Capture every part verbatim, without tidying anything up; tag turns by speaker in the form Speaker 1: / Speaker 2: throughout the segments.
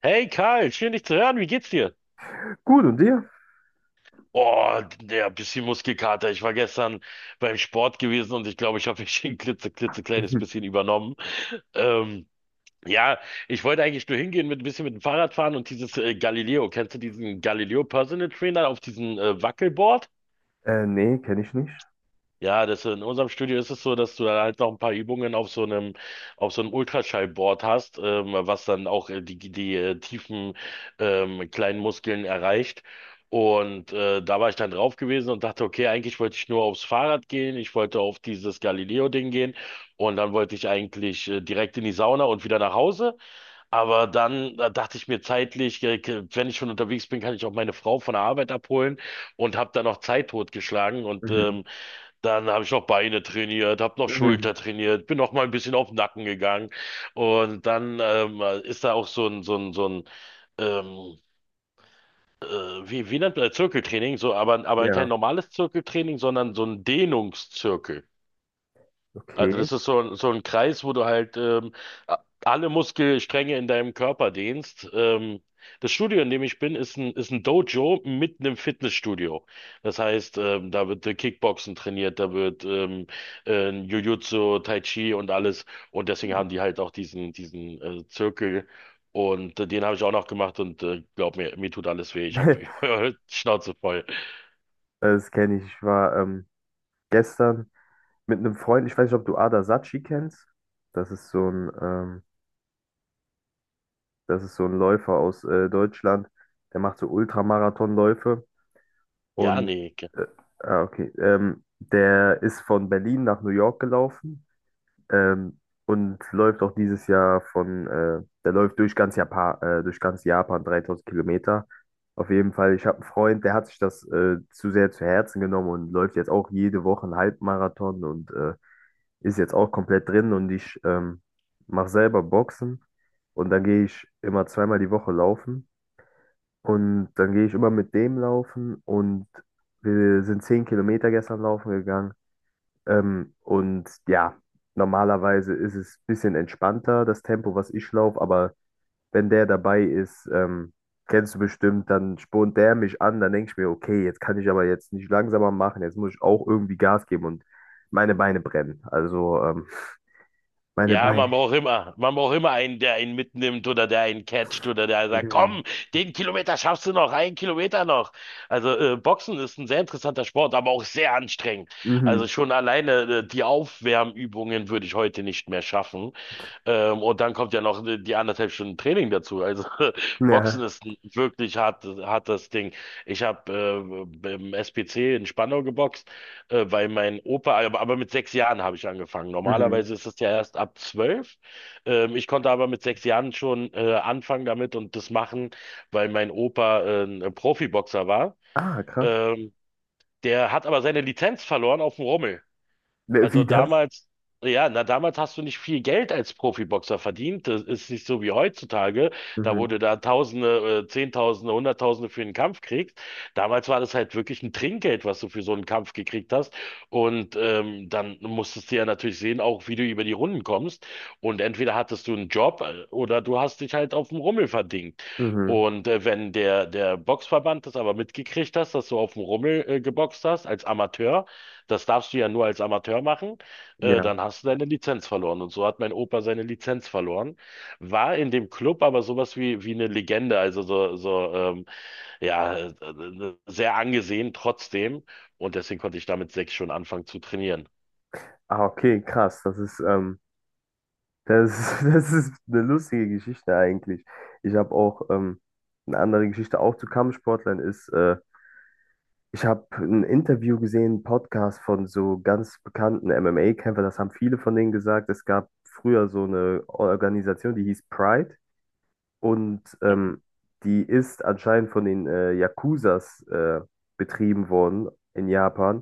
Speaker 1: Hey Karl, schön dich zu hören. Wie geht's dir?
Speaker 2: Gut, und dir?
Speaker 1: Oh, der bisschen Muskelkater. Ich war gestern beim Sport gewesen und ich glaube, ich habe mich ein klitze, klitzekleines
Speaker 2: Mhm.
Speaker 1: bisschen übernommen. Ähm, ja, ich wollte eigentlich nur hingehen mit ein bisschen mit dem Fahrrad fahren und dieses äh, Galileo. Kennst du diesen Galileo Personal Trainer auf diesem äh, Wackelboard?
Speaker 2: Äh, nee, kenne ich nicht.
Speaker 1: Ja, das in unserem Studio ist es so, dass du dann halt noch ein paar Übungen auf so einem, auf so einem Ultraschallboard hast, ähm, was dann auch äh, die, die äh, tiefen ähm, kleinen Muskeln erreicht. Und äh, da war ich dann drauf gewesen und dachte, okay, eigentlich wollte ich nur aufs Fahrrad gehen, ich wollte auf dieses Galileo-Ding gehen und dann wollte ich eigentlich äh, direkt in die Sauna und wieder nach Hause. Aber dann äh, dachte ich mir zeitlich, äh, k- wenn ich schon unterwegs bin, kann ich auch meine Frau von der Arbeit abholen und habe dann noch Zeit totgeschlagen und
Speaker 2: Mhm.
Speaker 1: ähm, dann habe ich noch Beine trainiert, habe noch
Speaker 2: Mhm.
Speaker 1: Schulter trainiert, bin noch mal ein bisschen auf den Nacken gegangen. Und dann ähm, ist da auch so ein, so ein, so ein ähm, äh, wie, wie nennt man das? Zirkeltraining, so, aber, aber kein
Speaker 2: Ja,
Speaker 1: normales Zirkeltraining, sondern so ein Dehnungszirkel. Also
Speaker 2: okay.
Speaker 1: das ist so, ein- so ein Kreis, wo du halt ähm, a- alle Muskelstränge in deinem Körper dehnst. Ähm, das Studio, in dem ich bin, ist ein, ist ein Dojo mitten im Fitnessstudio. Das heißt, ähm, da wird äh, Kickboxen trainiert, da wird ähm, äh, Jiu-Jitsu, Tai Chi und alles. Und deswegen
Speaker 2: Hm.
Speaker 1: haben die halt auch diesen, diesen äh, Zirkel. Und äh, den habe ich auch noch gemacht und äh, glaub mir, mir tut alles weh. Ich habe Schnauze voll.
Speaker 2: Das kenne ich. Ich war ähm, gestern mit einem Freund, ich weiß nicht, ob du Ada Sachi kennst. Das ist so ein, ähm, Das ist so ein Läufer aus äh, Deutschland. Der macht so Ultramarathonläufe.
Speaker 1: Ja,
Speaker 2: Und
Speaker 1: nee.
Speaker 2: äh, ah, okay. Ähm, der ist von Berlin nach New York gelaufen. Ähm, und läuft auch dieses Jahr von, äh, der läuft durch ganz Japan, äh, durch ganz Japan dreitausend Kilometer. Auf jeden Fall, ich habe einen Freund, der hat sich das äh, zu sehr zu Herzen genommen und läuft jetzt auch jede Woche einen Halbmarathon und äh, ist jetzt auch komplett drin. Und ich ähm, mache selber Boxen und dann gehe ich immer zweimal die Woche laufen. Und dann gehe ich immer mit dem laufen und wir sind zehn Kilometer gestern laufen gegangen. Ähm, und ja, normalerweise ist es ein bisschen entspannter, das Tempo, was ich laufe, aber wenn der dabei ist, ähm, kennst du bestimmt, dann spornt der mich an, dann denke ich mir, okay, jetzt kann ich aber jetzt nicht langsamer machen, jetzt muss ich auch irgendwie Gas geben und meine Beine brennen. Also, ähm, meine
Speaker 1: Ja,
Speaker 2: Beine.
Speaker 1: man braucht immer, man braucht immer einen, der einen mitnimmt oder der einen catcht oder der sagt,
Speaker 2: Mhm.
Speaker 1: komm, den Kilometer schaffst du noch, einen Kilometer noch. Also äh, Boxen ist ein sehr interessanter Sport, aber auch sehr anstrengend. Also
Speaker 2: Mhm.
Speaker 1: schon alleine äh, die Aufwärmübungen würde ich heute nicht mehr schaffen. Ähm, und dann kommt ja noch äh, die anderthalb Stunden Training dazu. Also
Speaker 2: Ja.
Speaker 1: Boxen ist ein wirklich hart, hartes Ding. Ich habe äh, im S P C in Spandau geboxt. Äh, weil mein Opa, aber, aber mit sechs Jahren habe ich angefangen.
Speaker 2: Mhm.
Speaker 1: Normalerweise ist es ja erst ab zwölf. Ähm, ich konnte aber mit sechs Jahren schon äh, anfangen damit und das machen, weil mein Opa äh, ein Profiboxer war.
Speaker 2: Ah, krass.
Speaker 1: Ähm, der hat aber seine Lizenz verloren auf dem Rummel.
Speaker 2: Wie
Speaker 1: Also
Speaker 2: wie das?
Speaker 1: damals, ja, na damals hast du nicht viel Geld als Profiboxer verdient. Das ist nicht so wie heutzutage. Da
Speaker 2: Mhm.
Speaker 1: wurde da Tausende, äh, Zehntausende, Hunderttausende für einen Kampf kriegst. Damals war das halt wirklich ein Trinkgeld, was du für so einen Kampf gekriegt hast. Und ähm, dann musstest du ja natürlich sehen, auch wie du über die Runden kommst. Und entweder hattest du einen Job äh, oder du hast dich halt auf dem Rummel verdingt.
Speaker 2: Mhm.
Speaker 1: Und äh, wenn der, der Boxverband das aber mitgekriegt hast, dass du auf dem Rummel äh, geboxt hast als Amateur, das darfst du ja nur als Amateur machen, äh,
Speaker 2: Ja.
Speaker 1: dann hast du deine Lizenz verloren. Und so hat mein Opa seine Lizenz verloren, war in dem Club aber sowas wie, wie eine Legende, also so, so ähm, ja, äh, äh, sehr angesehen trotzdem. Und deswegen konnte ich damit sechs schon anfangen zu trainieren.
Speaker 2: Ah, okay, krass. Das ist, ähm, Das, Das ist eine lustige Geschichte eigentlich. Ich habe auch ähm, eine andere Geschichte auch zu Kampfsportlern ist, äh, ich habe ein Interview gesehen, einen Podcast von so ganz bekannten M M A-Kämpfern, das haben viele von denen gesagt. Es gab früher so eine Organisation, die hieß Pride. Und
Speaker 1: Hm.
Speaker 2: ähm, die ist anscheinend von den äh, Yakuzas äh, betrieben worden in Japan.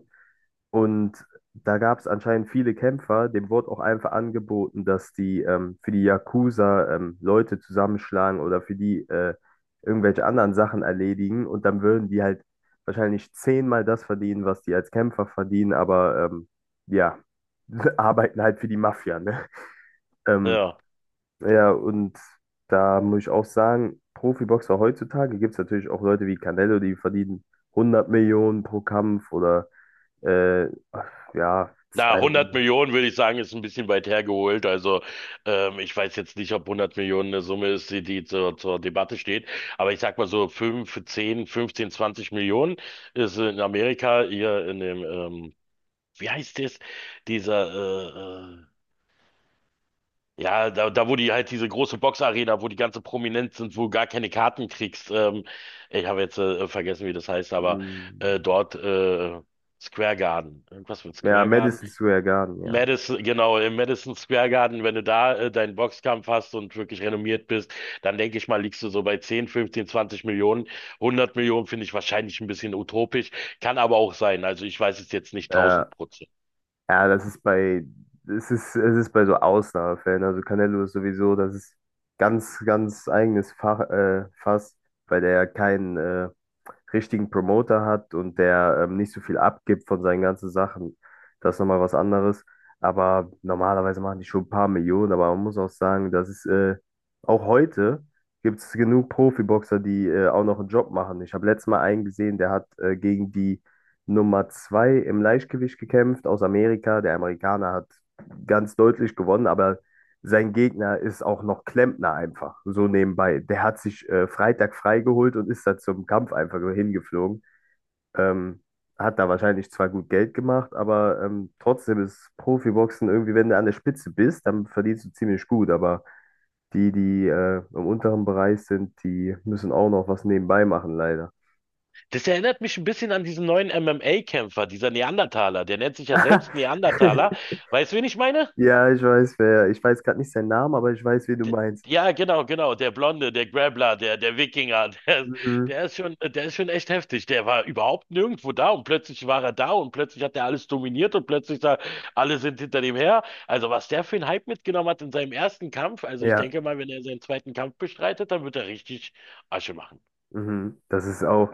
Speaker 2: Und da gab es anscheinend viele Kämpfer. Dem wurde auch einfach angeboten, dass die ähm, für die Yakuza ähm, Leute zusammenschlagen oder für die äh, irgendwelche anderen Sachen erledigen. Und dann würden die halt wahrscheinlich zehnmal das verdienen, was die als Kämpfer verdienen. Aber ähm, ja, arbeiten halt für die Mafia, ne? Ähm,
Speaker 1: Ja.
Speaker 2: ja, und da muss ich auch sagen, Profiboxer heutzutage gibt es natürlich auch Leute wie Canelo, die verdienen hundert Millionen pro Kampf oder äh, ja,
Speaker 1: Na, hundert
Speaker 2: zweihundert.
Speaker 1: Millionen würde ich sagen, ist ein bisschen weit hergeholt. Also ähm, ich weiß jetzt nicht, ob hundert Millionen eine Summe ist, die, die zur, zur Debatte steht. Aber ich sag mal so fünf, zehn, fünfzehn, zwanzig Millionen ist in Amerika hier in dem, ähm, wie heißt das? Dieser, äh, äh, ja, da, da wo die halt diese große Boxarena, wo die ganze Prominenz sind, wo du gar keine Karten kriegst. Ähm, ich habe jetzt äh, vergessen, wie das heißt, aber
Speaker 2: Mm.
Speaker 1: äh, dort äh, Square Garden. Irgendwas mit
Speaker 2: Ja,
Speaker 1: Square
Speaker 2: Madison Square Garden, ja.
Speaker 1: Madison, genau, im Madison Square Garden, wenn du da äh, deinen Boxkampf hast und wirklich renommiert bist, dann denke ich mal, liegst du so bei zehn, fünfzehn, zwanzig Millionen. hundert Millionen finde ich wahrscheinlich ein bisschen utopisch, kann aber auch sein. Also ich weiß es jetzt nicht 1000
Speaker 2: Ja,
Speaker 1: Prozent.
Speaker 2: ja, das ist bei, es ist, es ist bei so Ausnahmefällen. Also Canelo ist sowieso, das ist ganz, ganz eigenes Fach, äh, Fass, weil der ja keinen äh, richtigen Promoter hat und der ähm, nicht so viel abgibt von seinen ganzen Sachen. Das ist nochmal was anderes. Aber normalerweise machen die schon ein paar Millionen, aber man muss auch sagen, das ist äh, auch heute gibt es genug Profiboxer, die äh, auch noch einen Job machen. Ich habe letztes Mal einen gesehen, der hat äh, gegen die Nummer zwei im Leichtgewicht gekämpft aus Amerika. Der Amerikaner hat ganz deutlich gewonnen, aber sein Gegner ist auch noch Klempner einfach, so nebenbei. Der hat sich äh, Freitag freigeholt und ist da zum Kampf einfach hingeflogen. Ähm, Hat da wahrscheinlich zwar gut Geld gemacht, aber ähm, trotzdem ist Profiboxen irgendwie, wenn du an der Spitze bist, dann verdienst du ziemlich gut, aber die, die äh, im unteren Bereich sind, die müssen auch noch was nebenbei machen, leider.
Speaker 1: Das erinnert mich ein bisschen an diesen neuen M M A-Kämpfer, dieser Neandertaler. Der nennt sich ja selbst Neandertaler. Weißt du, wen ich meine?
Speaker 2: Ja, ich weiß, wer. Ich weiß gerade nicht seinen Namen, aber ich weiß, wen du
Speaker 1: D-
Speaker 2: meinst.
Speaker 1: Ja, genau, genau. Der Blonde, der Grappler, der, der Wikinger, der,
Speaker 2: Mhm.
Speaker 1: der ist schon, der ist schon echt heftig. Der war überhaupt nirgendwo da und plötzlich war er da und plötzlich hat er alles dominiert und plötzlich da, alle sind hinter dem her. Also was der für einen Hype mitgenommen hat in seinem ersten Kampf, also ich
Speaker 2: Ja,
Speaker 1: denke mal, wenn er seinen zweiten Kampf bestreitet, dann wird er richtig Asche machen.
Speaker 2: mhm. Das ist auch,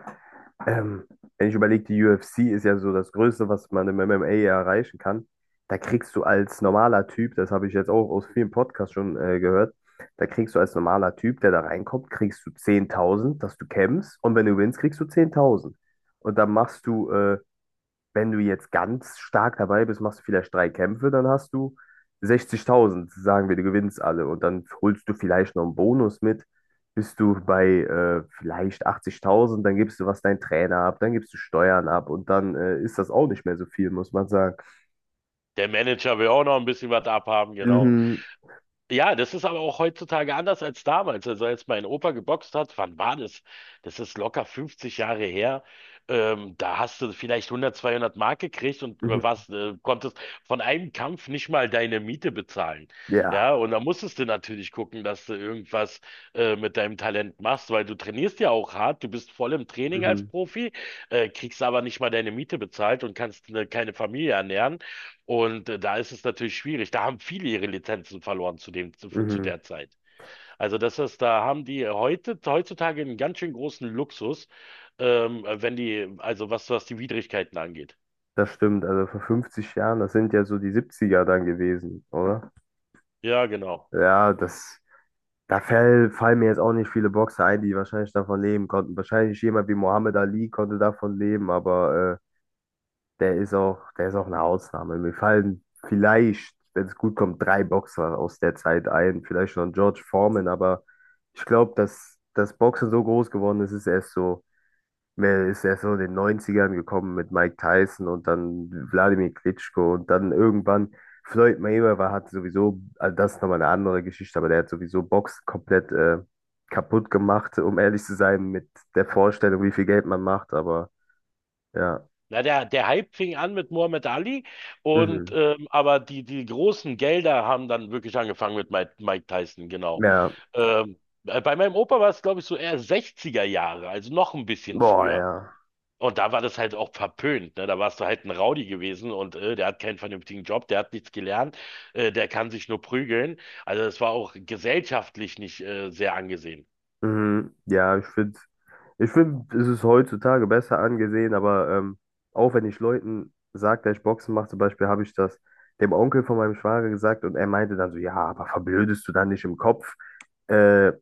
Speaker 2: ähm, wenn ich überlege, die U F C ist ja so das Größte, was man im M M A erreichen kann. Da kriegst du als normaler Typ, das habe ich jetzt auch aus vielen Podcasts schon äh, gehört, da kriegst du als normaler Typ, der da reinkommt, kriegst du zehntausend, dass du kämpfst und wenn du gewinnst, kriegst du zehntausend. Und dann machst du äh, wenn du jetzt ganz stark dabei bist, machst du vielleicht drei Kämpfe, dann hast du sechzigtausend, sagen wir, du gewinnst alle. Und dann holst du vielleicht noch einen Bonus mit, bist du bei äh, vielleicht achtzigtausend, dann gibst du was dein Trainer ab, dann gibst du Steuern ab und dann äh, ist das auch nicht mehr so viel, muss man sagen.
Speaker 1: Der Manager will auch noch ein bisschen was abhaben, genau.
Speaker 2: Mhm,
Speaker 1: Ja, das ist aber auch heutzutage anders als damals. Also als mein Opa geboxt hat, wann war das? Das ist locker fünfzig Jahre her. Ähm, da hast du vielleicht hundert, zweihundert Mark gekriegt und
Speaker 2: mhm,
Speaker 1: was, äh, konntest von einem Kampf nicht mal deine Miete bezahlen.
Speaker 2: ja,
Speaker 1: Ja, und da musstest du natürlich gucken, dass du irgendwas äh, mit deinem Talent machst, weil du trainierst ja auch hart, du bist voll im Training als
Speaker 2: mhm,
Speaker 1: Profi, äh, kriegst aber nicht mal deine Miete bezahlt und kannst ne, keine Familie ernähren. Und äh, da ist es natürlich schwierig. Da haben viele ihre Lizenzen verloren zu dem, zu, zu
Speaker 2: mhm,
Speaker 1: der Zeit. Also das ist, da haben die heute, heutzutage einen ganz schön großen Luxus, ähm, äh, wenn die, also was, was die Widrigkeiten angeht.
Speaker 2: das stimmt. Also vor fünfzig Jahren, das sind ja so die siebziger dann gewesen, oder?
Speaker 1: Ja, genau.
Speaker 2: Ja, das. Da fäll, fallen mir jetzt auch nicht viele Boxer ein, die wahrscheinlich davon leben konnten. Wahrscheinlich jemand wie Muhammad Ali konnte davon leben, aber äh, der ist auch, der ist auch eine Ausnahme. Mir fallen vielleicht, wenn es gut kommt, drei Boxer aus der Zeit ein, vielleicht noch ein George Foreman, aber ich glaube, dass das Boxen so groß geworden ist, ist erst so. Mel ist erst so in den Neunzigern gekommen mit Mike Tyson und dann Wladimir Klitschko und dann irgendwann Floyd Mayweather hat sowieso, also das ist nochmal eine andere Geschichte, aber der hat sowieso Box komplett äh, kaputt gemacht, um ehrlich zu sein, mit der Vorstellung, wie viel Geld man macht, aber ja,
Speaker 1: Na, der, der Hype fing an mit Muhammad Ali und
Speaker 2: mhm.
Speaker 1: ähm, aber die, die großen Gelder haben dann wirklich angefangen mit Mike, Mike Tyson, genau.
Speaker 2: Ja,
Speaker 1: Ähm, äh, bei meinem Opa war es, glaube ich, so eher sechziger Jahre, also noch ein bisschen
Speaker 2: boah,
Speaker 1: früher.
Speaker 2: ja.
Speaker 1: Und da war das halt auch verpönt, ne? Da warst du halt ein Rowdy gewesen und äh, der hat keinen vernünftigen Job, der hat nichts gelernt, äh, der kann sich nur prügeln. Also das war auch gesellschaftlich nicht äh, sehr angesehen.
Speaker 2: Mhm, ja, ich finde, ich find, es ist heutzutage besser angesehen, aber ähm, auch wenn ich Leuten sage, dass ich Boxen mache, zum Beispiel habe ich das dem Onkel von meinem Schwager gesagt und er meinte dann so, ja, aber verblödest du dann nicht im Kopf? Äh,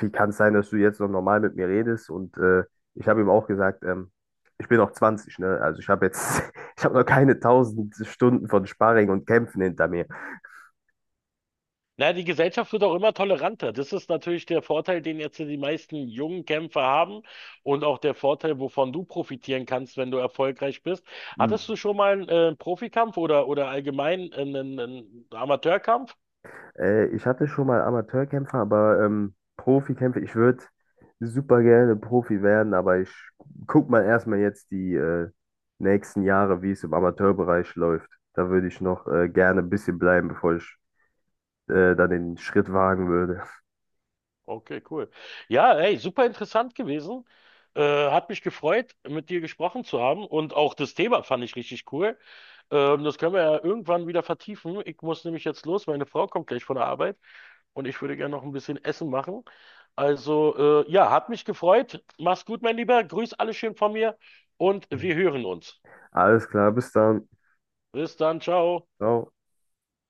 Speaker 2: Wie kann es sein, dass du jetzt noch normal mit mir redest? Und äh, ich habe ihm auch gesagt, ähm, ich bin noch zwanzig, ne? Also ich habe jetzt, ich habe noch keine tausend Stunden von Sparring und Kämpfen hinter mir.
Speaker 1: Naja, die Gesellschaft wird auch immer toleranter. Das ist natürlich der Vorteil, den jetzt die meisten jungen Kämpfer haben und auch der Vorteil, wovon du profitieren kannst, wenn du erfolgreich bist. Hattest du schon mal einen äh, Profikampf oder, oder allgemein einen, einen Amateurkampf?
Speaker 2: Äh, ich hatte schon mal Amateurkämpfer, aber ähm, Profikämpfer, ich würde super gerne Profi werden, aber ich guck mal erstmal jetzt die äh, nächsten Jahre, wie es im Amateurbereich läuft. Da würde ich noch äh, gerne ein bisschen bleiben, bevor ich äh, dann den Schritt wagen würde.
Speaker 1: Okay, cool. Ja, ey, super interessant gewesen. Äh, hat mich gefreut, mit dir gesprochen zu haben und auch das Thema fand ich richtig cool. Ähm, das können wir ja irgendwann wieder vertiefen. Ich muss nämlich jetzt los, meine Frau kommt gleich von der Arbeit und ich würde gerne noch ein bisschen Essen machen. Also, äh, ja, hat mich gefreut. Mach's gut, mein Lieber. Grüß alle schön von mir und wir hören uns.
Speaker 2: Alles klar, bis dann.
Speaker 1: Bis dann, ciao.
Speaker 2: Ciao.